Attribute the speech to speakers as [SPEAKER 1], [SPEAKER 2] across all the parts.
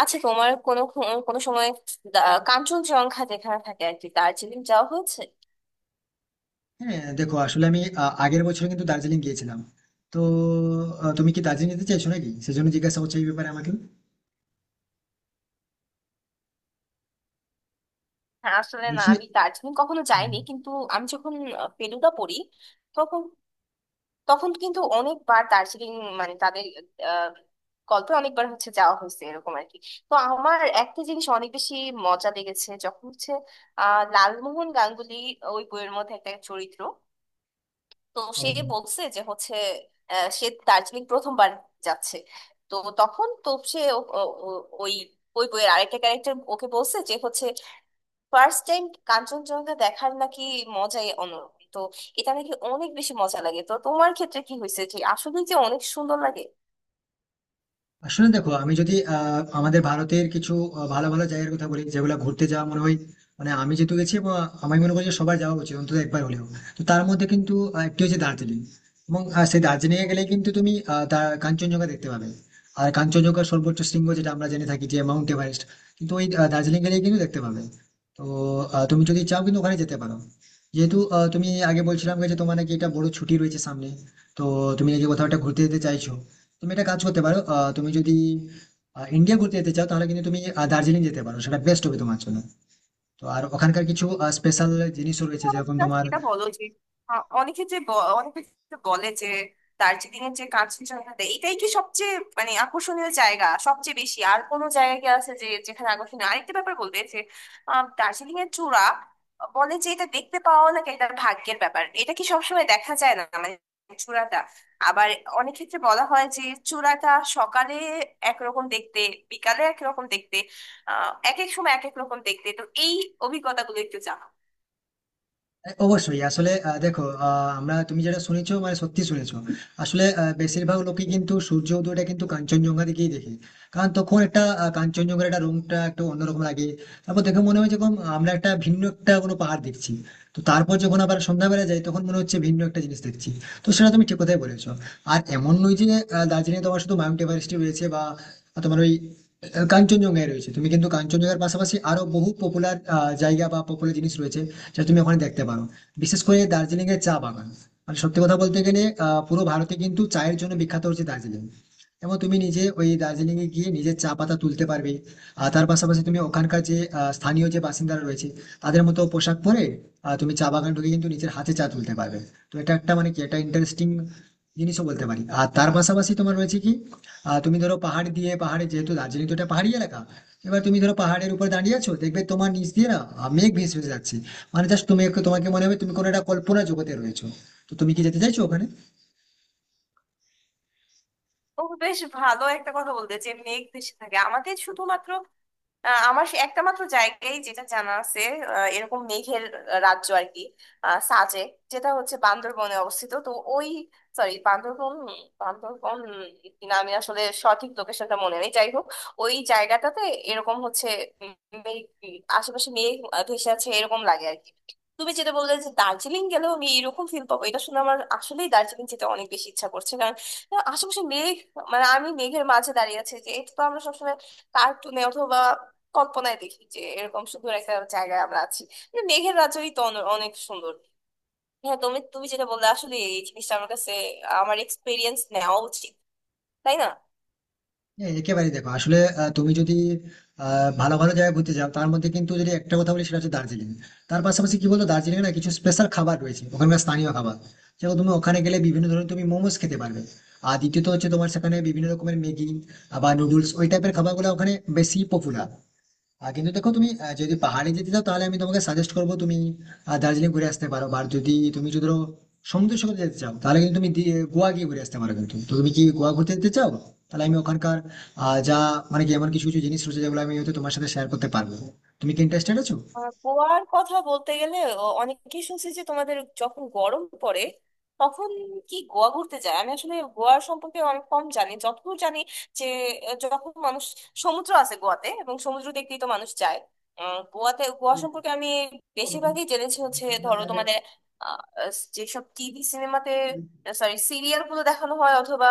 [SPEAKER 1] আচ্ছা তোমার কোনো কোনো সময় দা- কাঞ্চনজঙ্ঘা যেখানে থাকে আর কি দার্জিলিং যাওয়া হয়েছে?
[SPEAKER 2] হ্যাঁ, দেখো, আসলে আমি আগের বছর কিন্তু দার্জিলিং গিয়েছিলাম। তো তুমি কি দার্জিলিং যেতে চাইছো নাকি সেজন্য জিজ্ঞাসা করছো এই ব্যাপারে আমাকে
[SPEAKER 1] হ্যাঁ, আসলে না,
[SPEAKER 2] বলছি?
[SPEAKER 1] আমি দার্জিলিং কখনো
[SPEAKER 2] হুম।
[SPEAKER 1] যাইনি, কিন্তু আমি যখন ফেলুদা পড়ি তখন, তখন কিন্তু অনেকবার দার্জিলিং, মানে তাদের আহ, গল্পে অনেকবার হচ্ছে যাওয়া হয়েছে এরকম আর কি। তো আমার একটা জিনিস অনেক বেশি মজা লেগেছে, যখন হচ্ছে লালমোহন গাঙ্গুলি ওই বইয়ের মধ্যে একটা চরিত্র, তো
[SPEAKER 2] ও,
[SPEAKER 1] সে বলছে যে হচ্ছে সে দার্জিলিং প্রথমবার যাচ্ছে। তো তখন তো সে ওই, ওই বইয়ের আরেকটা ক্যারেক্টার ওকে বলছে যে হচ্ছে ফার্স্ট টাইম কাঞ্চনজঙ্ঘা দেখার নাকি মজাই অন্যরকম, তো এটা নাকি অনেক বেশি মজা লাগে। তো তোমার ক্ষেত্রে কি হয়েছে যে আসলে যে অনেক সুন্দর লাগে?
[SPEAKER 2] আসলে দেখো, আমি যদি আমাদের ভারতের কিছু ভালো ভালো জায়গার কথা বলি যেগুলো ঘুরতে যাওয়া মনে হয়, মানে আমি যেহেতু গেছি এবং আমি মনে করি যে সবার যাওয়া উচিত অন্তত একবার হলেও। তো তার মধ্যে কিন্তু একটি হচ্ছে দার্জিলিং। এবং সেই দার্জিলিং এ গেলে কিন্তু তুমি কাঞ্চনজঙ্ঘা দেখতে পাবে। আর কাঞ্চনজঙ্ঘার সর্বোচ্চ শৃঙ্গ যেটা আমরা জেনে থাকি যে মাউন্ট এভারেস্ট, কিন্তু ওই দার্জিলিং গেলে কিন্তু দেখতে পাবে। তো তুমি যদি চাও কিন্তু ওখানে যেতে পারো, যেহেতু তুমি আগে বলছিলাম যে তোমার নাকি একটা বড় ছুটি রয়েছে সামনে। তো তুমি নাকি কোথাও একটা ঘুরতে যেতে চাইছো। তুমি একটা কাজ করতে পারো, তুমি যদি ইন্ডিয়া ঘুরতে যেতে চাও তাহলে কিন্তু তুমি দার্জিলিং যেতে পারো, সেটা বেস্ট হবে তোমার জন্য। তো আর ওখানকার কিছু স্পেশাল জিনিসও রয়েছে যেরকম
[SPEAKER 1] Just
[SPEAKER 2] তোমার।
[SPEAKER 1] এটা বলো যে অনেকে যে অনেকে যে বলে যে দার্জিলিং এর যে কাঞ্চনজঙ্ঘা এটাই কি সবচেয়ে মানে আকর্ষণীয় জায়গা, সবচেয়ে বেশি? আর কোনো জায়গা কি আছে যে যেখানে আকর্ষণীয় আরেকটা ব্যাপার বলবে যে দার্জিলিং এর চূড়া বলে যে এটা দেখতে পাওয়া নাকি এটা ভাগ্যের ব্যাপার, এটা কি সবসময় দেখা যায় না মানে চূড়াটা? আবার অনেক ক্ষেত্রে বলা হয় যে চূড়াটা সকালে একরকম দেখতে, বিকালে একরকম দেখতে, এক এক সময় এক এক রকম দেখতে। তো এই অভিজ্ঞতাগুলো একটু জানাও।
[SPEAKER 2] এ, অবশ্যই, আসলে দেখো, আমরা তুমি যেটা শুনেছো মানে সত্যি শুনেছো। আসলে বেশিরভাগ লোকে কিন্তু সূর্য উদয়টা কিন্তু কাঞ্চনজঙ্ঘা দিকেই দেখে, কারণ তখন একটা কাঞ্চনজঙ্ঘার একটা রংটা একটু অন্যরকম লাগে। তারপর দেখে মনে হয় যেরকম আমরা একটা ভিন্ন একটা কোনো পাহাড় দেখছি। তো তারপর যখন আবার সন্ধ্যাবেলা যাই তখন মনে হচ্ছে ভিন্ন একটা জিনিস দেখছি। তো সেটা তুমি ঠিক কথাই বলেছো। আর এমন নয় যে দার্জিলিং তোমার শুধু মাউন্ট এভারেস্ট রয়েছে, বা তোমার ওই কাঞ্চনজঙ্ঘায় রয়েছে। তুমি কিন্তু কাঞ্চনজঙ্ঘার পাশাপাশি আরো বহু পপুলার জায়গা বা পপুলার জিনিস রয়েছে যা তুমি ওখানে দেখতে পারো। বিশেষ করে দার্জিলিং এর চা বাগান, মানে সত্যি কথা বলতে গেলে পুরো ভারতে কিন্তু চায়ের জন্য বিখ্যাত হচ্ছে দার্জিলিং। এবং তুমি নিজে ওই দার্জিলিং এ গিয়ে নিজের চা পাতা তুলতে পারবে। আর তার পাশাপাশি তুমি ওখানকার যে স্থানীয় যে বাসিন্দারা রয়েছে তাদের মতো পোশাক পরে তুমি চা বাগান ঢুকে কিন্তু নিজের হাতে চা তুলতে পারবে। তো এটা একটা মানে কি একটা ইন্টারেস্টিং জিনিসও বলতে পারি। আর তার পাশাপাশি তোমার রয়েছে কি, তুমি ধরো পাহাড় দিয়ে পাহাড়ে, যেহেতু দার্জিলিং তো একটা পাহাড়ি এলাকা। এবার তুমি ধরো পাহাড়ের উপর দাঁড়িয়ে আছো, দেখবে তোমার নিচ দিয়ে না মেঘ ভেসে ভেসে যাচ্ছে। মানে জাস্ট তুমি তোমাকে মনে হবে তুমি কোনো একটা কল্পনা জগতে রয়েছো। তো তুমি কি যেতে চাইছো ওখানে?
[SPEAKER 1] ও, বেশ ভালো একটা কথা বলতে যে মেঘ ভেসে থাকে। আমাদের শুধুমাত্র আমার সে একটা মাত্র জায়গায় যেটা জানা আছে এরকম মেঘের রাজ্য আর কি, সাজে, যেটা হচ্ছে বান্দরবনে অবস্থিত। তো ওই, সরি, বান্দরবন, বান্দরবন কিনা আমি আসলে সঠিক লোকেশনটা মনে নেই, যাই হোক, ওই জায়গাটাতে এরকম হচ্ছে উম, মেঘ, আশেপাশে মেঘ ভেসে আছে এরকম লাগে আর কি। তুমি যেটা বললে যে দার্জিলিং গেলেও আমি এরকম ফিল পাবো, এটা শুনে আমার আসলেই দার্জিলিং যেতে অনেক বেশি ইচ্ছা করছে, কারণ আশেপাশে মেঘ, মানে আমি মেঘের মাঝে দাঁড়িয়ে আছি, যে এটা তো আমরা সবসময় কার্টুনে অথবা কল্পনায় দেখি যে এরকম সুন্দর একটা জায়গায় আমরা আছি। কিন্তু মেঘের রাজ্যই তো অনেক সুন্দর। হ্যাঁ, তুমি তুমি যেটা বললে, আসলে এই জিনিসটা আমার কাছে, আমার এক্সপিরিয়েন্স নেওয়া উচিত, তাই না?
[SPEAKER 2] হ্যাঁ, একেবারেই, দেখো আসলে তুমি যদি ভালো ভালো জায়গায় ঘুরতে যাও তার মধ্যে কিন্তু যদি একটা কথা বলি সেটা হচ্ছে দার্জিলিং। তার পাশাপাশি কি বলতো, দার্জিলিং না কিছু স্পেশাল খাবার রয়েছে, ওখানকার স্থানীয় খাবার। যেমন তুমি ওখানে গেলে বিভিন্ন ধরনের তুমি মোমোস খেতে পারবে। আর দ্বিতীয়ত হচ্ছে তোমার সেখানে বিভিন্ন রকমের ম্যাগি বা নুডলস, ওই টাইপের খাবারগুলো ওখানে বেশি পপুলার। কিন্তু দেখো তুমি যদি পাহাড়ে যেতে চাও তাহলে আমি তোমাকে সাজেস্ট করবো তুমি দার্জিলিং ঘুরে আসতে পারো। আর যদি তুমি যদি ধরো সমুদ্র সৈকতে যেতে চাও তাহলে কিন্তু তুমি গোয়া গিয়ে ঘুরে আসতে পারো কিন্তু। তো তুমি কি গোয়া ঘুরতে যেতে চাও? তাহলে আমি ওখানকার যা মানে কি এমন কিছু কিছু জিনিস রয়েছে যেগুলো আমি হয়তো তোমার সাথে শেয়ার করতে পারবো। তুমি কি ইন্টারেস্টেড আছো?
[SPEAKER 1] গোয়ার কথা বলতে গেলে, অনেকেই শুনছি যে তোমাদের যখন গরম পড়ে তখন কি গোয়া ঘুরতে যায়। আমি আসলে গোয়ার সম্পর্কে অনেক কম জানি। যতদূর জানি যে যখন মানুষ, সমুদ্র আছে গোয়াতে এবং সমুদ্র দেখতেই তো মানুষ যায় গোয়াতে। গোয়া সম্পর্কে আমি বেশিরভাগই জেনেছি হচ্ছে, ধরো, তোমাদের আহ, আহ, যেসব টিভি সিনেমাতে, সরি, সিরিয়াল গুলো দেখানো হয়, অথবা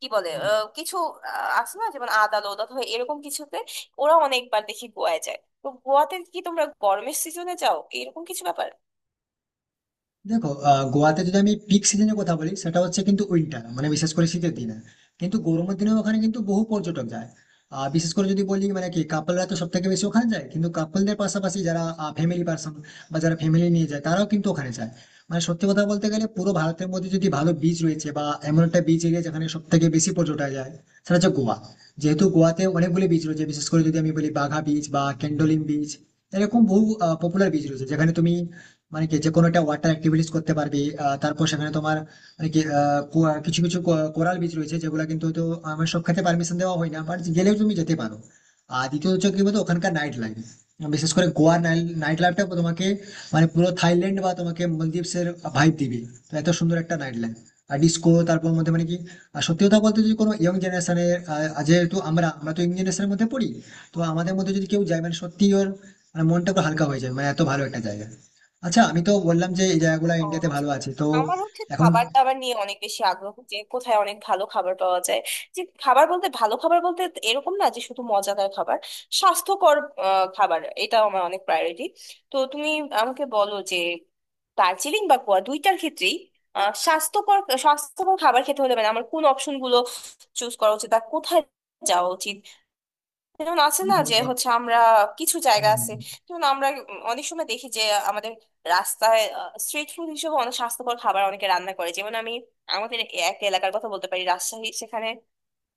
[SPEAKER 1] কি বলে কিছু আছে না, যেমন আদালত অথবা এরকম কিছুতে ওরা অনেকবার দেখি গোয়ায় যায়। তো গোয়াতে কি তোমরা গরমের সিজনে যাও, এরকম কিছু ব্যাপার?
[SPEAKER 2] দেখো, গোয়াতে যদি আমি পিক সিজনের কথা বলি সেটা হচ্ছে কিন্তু উইন্টার, মানে বিশেষ করে শীতের দিনে। কিন্তু গরমের দিনে ওখানে কিন্তু বহু পর্যটক যায়। বিশেষ করে যদি বলি মানে কি কাপলরা তো সব থেকে বেশি ওখানে যায়, কিন্তু কাপলদের পাশাপাশি যারা ফ্যামিলি পার্সন বা যারা ফ্যামিলি নিয়ে যায় তারাও কিন্তু ওখানে যায়। মানে সত্যি কথা বলতে গেলে পুরো ভারতের মধ্যে যদি ভালো বিচ রয়েছে বা এমন একটা বিচ এরিয়া যেখানে সব থেকে বেশি পর্যটক যায়, সেটা হচ্ছে গোয়া। যেহেতু গোয়াতে অনেকগুলি বিচ রয়েছে, বিশেষ করে যদি আমি বলি বাঘা বিচ বা ক্যান্ডোলিম বিচ, এরকম বহু পপুলার বিচ রয়েছে যেখানে তুমি মানে কি যে কোনো একটা ওয়াটার অ্যাক্টিভিটিস করতে পারবি। তারপর সেখানে তোমার মানে কি কিছু কিছু কোরাল বিচ রয়েছে যেগুলো কিন্তু হয়তো আমার সব ক্ষেত্রে পারমিশন দেওয়া হয় না, বাট গেলেও তুমি যেতে পারো। আর দ্বিতীয় হচ্ছে কি বলতো ওখানকার নাইট লাইফ, বিশেষ করে গোয়ার নাইট লাইফটা তোমাকে মানে পুরো থাইল্যান্ড বা তোমাকে মালদ্বীপস এর ভাইব দিবে। তো এত সুন্দর একটা নাইট লাইফ আর ডিস্কো তারপর মধ্যে মানে কি। আর সত্যি কথা বলতে যদি কোনো ইয়ং জেনারেশনের, যেহেতু আমরা আমরা তো ইয়ং জেনারেশনের মধ্যে পড়ি। তো আমাদের মধ্যে যদি কেউ যায় মানে সত্যি ওর মানে মনটা একটু হালকা হয়ে যায়, মানে এত ভালো একটা জায়গা। আচ্ছা, আমি তো বললাম যে এই জায়গাগুলো
[SPEAKER 1] ও
[SPEAKER 2] ইন্ডিয়াতে
[SPEAKER 1] আচ্ছা।
[SPEAKER 2] ভালো আছে তো
[SPEAKER 1] আমার হচ্ছে
[SPEAKER 2] এখন
[SPEAKER 1] খাবার দাবার নিয়ে অনেক বেশি আগ্রহ, যে কোথায় অনেক ভালো খাবার পাওয়া যায়। যে খাবার বলতে, ভালো খাবার বলতে এরকম না যে শুধু মজাদার খাবার, স্বাস্থ্যকর খাবার এটাও আমার অনেক প্রায়োরিটি। তো তুমি আমাকে বলো যে দার্জিলিং বা গোয়া দুইটার ক্ষেত্রেই স্বাস্থ্যকর স্বাস্থ্যকর খাবার খেতে হলে মানে আমার কোন অপশন গুলো চুজ করা উচিত আর কোথায় যাওয়া উচিত? যেমন আছে না
[SPEAKER 2] দেখো।
[SPEAKER 1] যে হচ্ছে আমরা, কিছু জায়গা
[SPEAKER 2] হুম।
[SPEAKER 1] আছে যেমন আমরা অনেক সময় দেখি যে আমাদের রাস্তায় স্ট্রিট ফুড হিসেবে অনেক স্বাস্থ্যকর খাবার অনেকে রান্না করে। যেমন আমি আমাদের এক এলাকার কথা বলতে পারি, রাজশাহী, সেখানে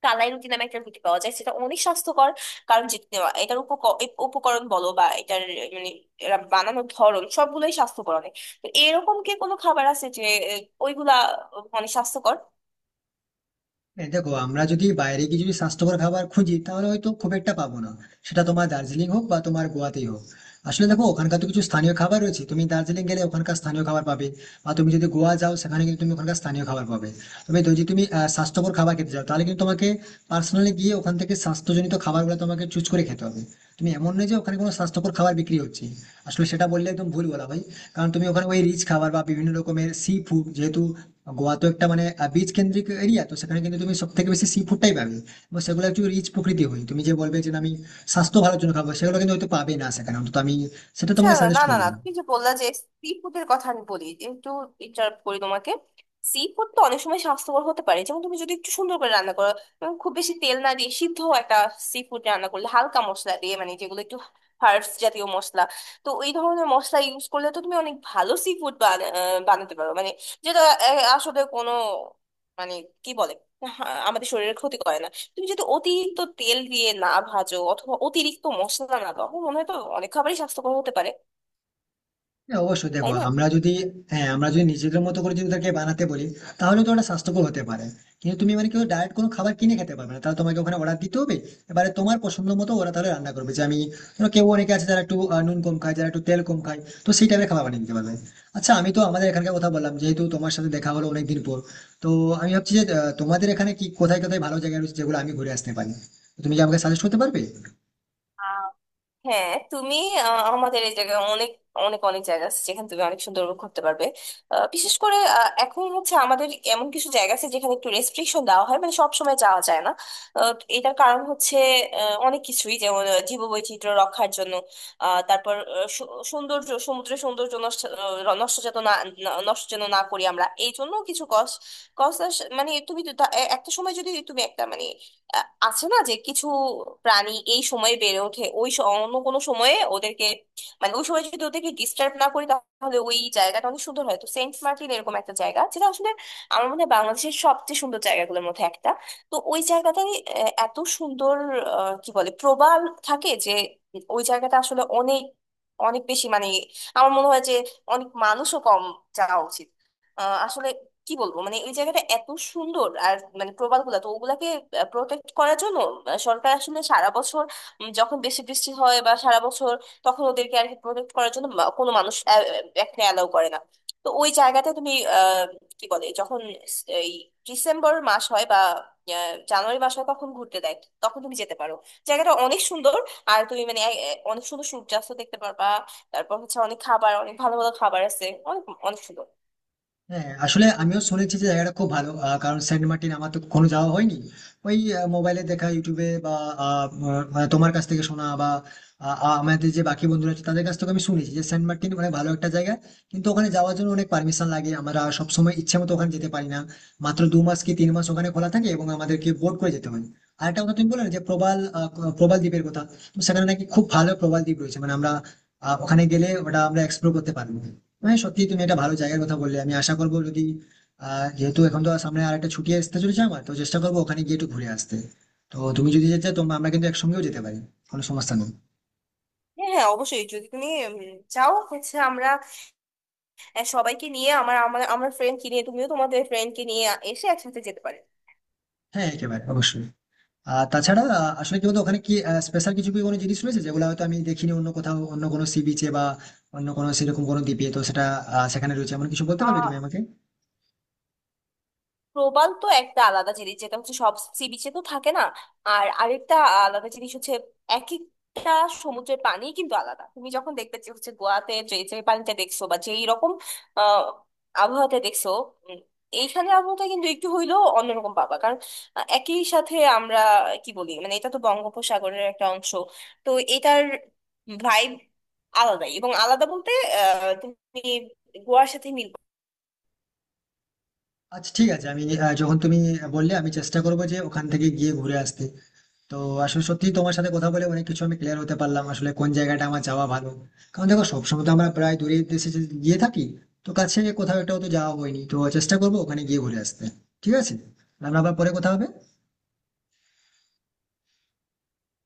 [SPEAKER 1] কালাই রুটি নামে একটা রুটি পাওয়া যায়, সেটা অনেক স্বাস্থ্যকর। কারণ এটার উপকরণ বলো বা এটার মানে এরা বানানোর ধরন সবগুলোই স্বাস্থ্যকর অনেক। তো এরকম কি কোনো খাবার আছে যে এ, ওইগুলা অনেক স্বাস্থ্যকর?
[SPEAKER 2] এই দেখো, আমরা যদি বাইরে গিয়ে যদি স্বাস্থ্যকর খাবার খুঁজি তাহলে হয়তো খুব একটা পাবো না, সেটা তোমার দার্জিলিং হোক বা তোমার গোয়াতেই হোক। আসলে দেখো, ওখানকার তো কিছু স্থানীয় খাবার রয়েছে, তুমি দার্জিলিং গেলে ওখানকার স্থানীয় খাবার পাবে বা তুমি যদি গোয়া যাও সেখানে কিন্তু তুমি ওখানকার স্থানীয় খাবার পাবে। তবে যদি তুমি স্বাস্থ্যকর খাবার খেতে চাও তাহলে কিন্তু তোমাকে পার্সোনালি গিয়ে ওখান থেকে স্বাস্থ্যজনিত খাবারগুলো তোমাকে চুজ করে খেতে হবে। তুমি এমন নয় যে ওখানে কোনো স্বাস্থ্যকর খাবার বিক্রি হচ্ছে, আসলে সেটা বললে একদম ভুল বলা ভাই। কারণ তুমি ওখানে ওই রিচ খাবার বা বিভিন্ন রকমের সি ফুড, যেহেতু গোয়া তো একটা মানে বিচ কেন্দ্রিক এরিয়া, তো সেখানে কিন্তু তুমি সব থেকে বেশি সি ফুডটাই পাবে। এবং সেগুলো একটু রিচ প্রকৃতি হয়, তুমি যে বলবে যে না, আমি স্বাস্থ্য ভালোর জন্য খাবো, সেগুলো কিন্তু হয়তো পাবে না সেখানে, অন্তত আমি সেটা
[SPEAKER 1] আচ্ছা,
[SPEAKER 2] তোমাকে
[SPEAKER 1] না
[SPEAKER 2] সাজেস্ট
[SPEAKER 1] না না,
[SPEAKER 2] করবো।
[SPEAKER 1] তুমি যে বললা যে সি ফুডের কথা, আমি বলি একটু, ইন্টারাপ্ট করি তোমাকে। সি ফুড তো অনেক সময় স্বাস্থ্যকর হতে পারে। যেমন তুমি যদি একটু সুন্দর করে রান্না করো এবং খুব বেশি তেল না দিয়ে সিদ্ধ একটা সি ফুড রান্না করলে, হালকা মশলা দিয়ে, মানে যেগুলো একটু হার্বস জাতীয় মশলা, তো এই ধরনের মশলা ইউজ করলে তো তুমি অনেক ভালো সি ফুড বানাতে পারো, মানে যেটা আসলে কোনো মানে, কি বলে, আমাদের শরীরের ক্ষতি করে না। তুমি যদি অতিরিক্ত তেল দিয়ে না ভাজো অথবা অতিরিক্ত মশলা না দাও, আমার মনে হয় তো অনেক খাবারই স্বাস্থ্যকর হতে পারে,
[SPEAKER 2] হ্যাঁ, অবশ্যই দেখো
[SPEAKER 1] তাই না?
[SPEAKER 2] আমরা যদি, হ্যাঁ আমরা যদি নিজেদের মতো করে যদি তাকে বানাতে বলি তাহলে তো ওটা স্বাস্থ্যকর হতে পারে। কিন্তু তুমি মানে কেউ ডায়েট কোনো খাবার কিনে খেতে পারবে না, তাহলে তোমাকে ওখানে অর্ডার দিতে হবে। এবারে তোমার পছন্দ মতো ওরা তাহলে রান্না করবে যে আমি ধরো কেউ, অনেকে আছে যারা একটু নুন কম খায়, যারা একটু তেল কম খায়, তো সেই টাইপের খাবার বানিয়ে দিতে পারবে। আচ্ছা, আমি তো আমাদের এখানকার কথা বললাম, যেহেতু তোমার সাথে দেখা হলো অনেকদিন পর। তো আমি ভাবছি যে তোমাদের এখানে কি কোথায় কোথায় ভালো জায়গা রয়েছে যেগুলো আমি ঘুরে আসতে পারি। তো তুমি কি আমাকে সাজেস্ট করতে পারবে?
[SPEAKER 1] হ্যাঁ তুমি, আমাদের এই জায়গায় অনেক অনেক অনেক জায়গা আছে যেখানে তুমি অনেক সুন্দর উপভোগ করতে পারবে। বিশেষ করে এখন হচ্ছে আমাদের এমন কিছু জায়গা আছে যেখানে একটু রেস্ট্রিকশন দেওয়া হয়, মানে সব সময় যাওয়া যায় না। এটার কারণ হচ্ছে অনেক কিছুই, যেমন জীববৈচিত্র্য রক্ষার জন্য, তারপর সৌন্দর্য, সমুদ্রের সৌন্দর্য নষ্ট আহ, নষ্ট যাতে না না- নষ্ট যেন না করি আমরা, এই জন্য কিছু কস কস মানে তুমি তো একটা সময় যদি তুমি একটা মানে আছে না যে কিছু প্রাণী এই সময়ে বেড়ে ওঠে, ওই অন্য কোনো সময়ে ওদেরকে মানে ওই সময় যদি ওদেরকে ডিস্টার্ব না করি, তাহলে ওই জায়গাটা অনেক সুন্দর হয়। তো সেন্ট মার্টিন এরকম একটা জায়গা যেটা আসলে আমার মনে হয় বাংলাদেশের সবচেয়ে সুন্দর জায়গাগুলোর মধ্যে একটা। তো ওই জায়গাটায় এত সুন্দর কি বলে প্রবাল থাকে যে ওই জায়গাটা আসলে অনেক, অনেক বেশি মানে, আমার মনে হয় যে অনেক মানুষও কম যাওয়া উচিত। আসলে কি বলবো, মানে ওই জায়গাটা এত সুন্দর। আর মানে প্রবাল গুলা তো ওগুলাকে প্রোটেক্ট করার জন্য সরকার আসলে সারা বছর, যখন বেশি বৃষ্টি হয় বা সারা বছর, তখন ওদেরকে আর কি প্রোটেক্ট করার জন্য কোনো মানুষ আহ, আহ, এখানে অ্যালাউ করে না। তো ওই জায়গাটা তুমি আহ কি বলে যখন এই ডিসেম্বর মাস হয় বা জানুয়ারি মাস হয় তখন ঘুরতে দেয়, তখন তুমি যেতে পারো। জায়গাটা অনেক সুন্দর, আর তুমি মানে অনেক সুন্দর সূর্যাস্ত দেখতে পারবা। তারপর হচ্ছে অনেক খাবার, অনেক ভালো ভালো খাবার আছে, অনেক অনেক সুন্দর।
[SPEAKER 2] হ্যাঁ আসলে আমিও শুনেছি যে জায়গাটা খুব ভালো, কারণ সেন্ট মার্টিন আমার তো কখনো যাওয়া হয়নি। ওই মোবাইলে দেখা, ইউটিউবে বা মানে তোমার কাছ থেকে শোনা বা আহ, আহ, আমাদের যে বাকি বন্ধুরা আছে তাদের কাছ থেকে আমি শুনেছি যে সেন্ট মার্টিন অনেক ভালো একটা জায়গা। কিন্তু ওখানে যাওয়ার জন্য অনেক পারমিশন লাগে, আমরা সবসময় ইচ্ছে মতো ওখানে যেতে পারি না। মাত্র 2 মাস কি 3 মাস ওখানে খোলা থাকে এবং আমাদেরকে বোট করে যেতে হয়। আর একটা কথা তুমি বললে না যে প্রবাল প্রবাল দ্বীপের কথা। তো সেখানে নাকি খুব ভালো প্রবাল দ্বীপ রয়েছে মানে আমরা ওখানে গেলে ওটা আমরা এক্সপ্লোর করতে পারবো। হ্যাঁ সত্যি তুমি একটা ভালো জায়গার কথা বললে, আমি আশা করবো যদি, যেহেতু এখন তো সামনে আর একটা ছুটি আসতে চলেছে আমার, তো চেষ্টা করবো ওখানে গিয়ে একটু ঘুরে আসতে। তো তুমি যদি যেতে চাও তোমরা, আমরা কিন্তু একসঙ্গেও যেতে পারি, কোনো সমস্যা নেই।
[SPEAKER 1] হ্যাঁ হ্যাঁ, অবশ্যই যদি তুমি চাও, হচ্ছে আমরা সবাইকে নিয়ে, আমার আমার আমার ফ্রেন্ডকে নিয়ে, তুমিও তোমাদের ফ্রেন্ডকে নিয়ে এসে একসাথে যেতে পারে।
[SPEAKER 2] হ্যাঁ, একেবারে অবশ্যই। আর তাছাড়া আসলে কি বলতো, ওখানে কি স্পেশাল কিছু কি কোনো জিনিস রয়েছে যেগুলো হয়তো আমি দেখিনি অন্য কোথাও, অন্য কোনো সি বিচে বা অন্য কোনো সেরকম কোনো দ্বীপে, তো সেটা সেখানে রয়েছে এমন কিছু বলতে পারবে তুমি আমাকে?
[SPEAKER 1] প্রবাল তো একটা আলাদা জিনিস, যেটা হচ্ছে সব সি বিচে তো থাকে না। আর আরেকটা আলাদা জিনিস হচ্ছে এক একটা সমুদ্রের পানি কিন্তু আলাদা। তুমি যখন দেখবে যে হচ্ছে গোয়াতে যে যে পানিটা দেখছো বা যেই রকম আহ আবহাওয়াতে দেখছো, উম, এইখানে আবহাওয়াটা কিন্তু একটু হইলেও অন্যরকম পাবা, কারণ একই সাথে আমরা কি বলি মানে এটা তো বঙ্গোপসাগরের একটা অংশ। তো এটার ভাইব আলাদাই, এবং আলাদা বলতে তুমি গোয়ার সাথে মিল
[SPEAKER 2] আচ্ছা ঠিক আছে, আমি যখন তুমি বললে আমি চেষ্টা করবো যে ওখান থেকে গিয়ে ঘুরে আসতে। তো আসলে সত্যি তোমার সাথে কথা বলে অনেক কিছু আমি ক্লিয়ার হতে পারলাম আসলে কোন জায়গাটা আমার যাওয়া ভালো। কারণ দেখো সবসময় তো আমরা প্রায় দূরের দেশে গিয়ে থাকি, তো কাছে কোথাও একটা তো যাওয়া হয়নি, তো চেষ্টা করবো ওখানে গিয়ে ঘুরে আসতে। ঠিক আছে, তাহলে আবার পরে কথা হবে।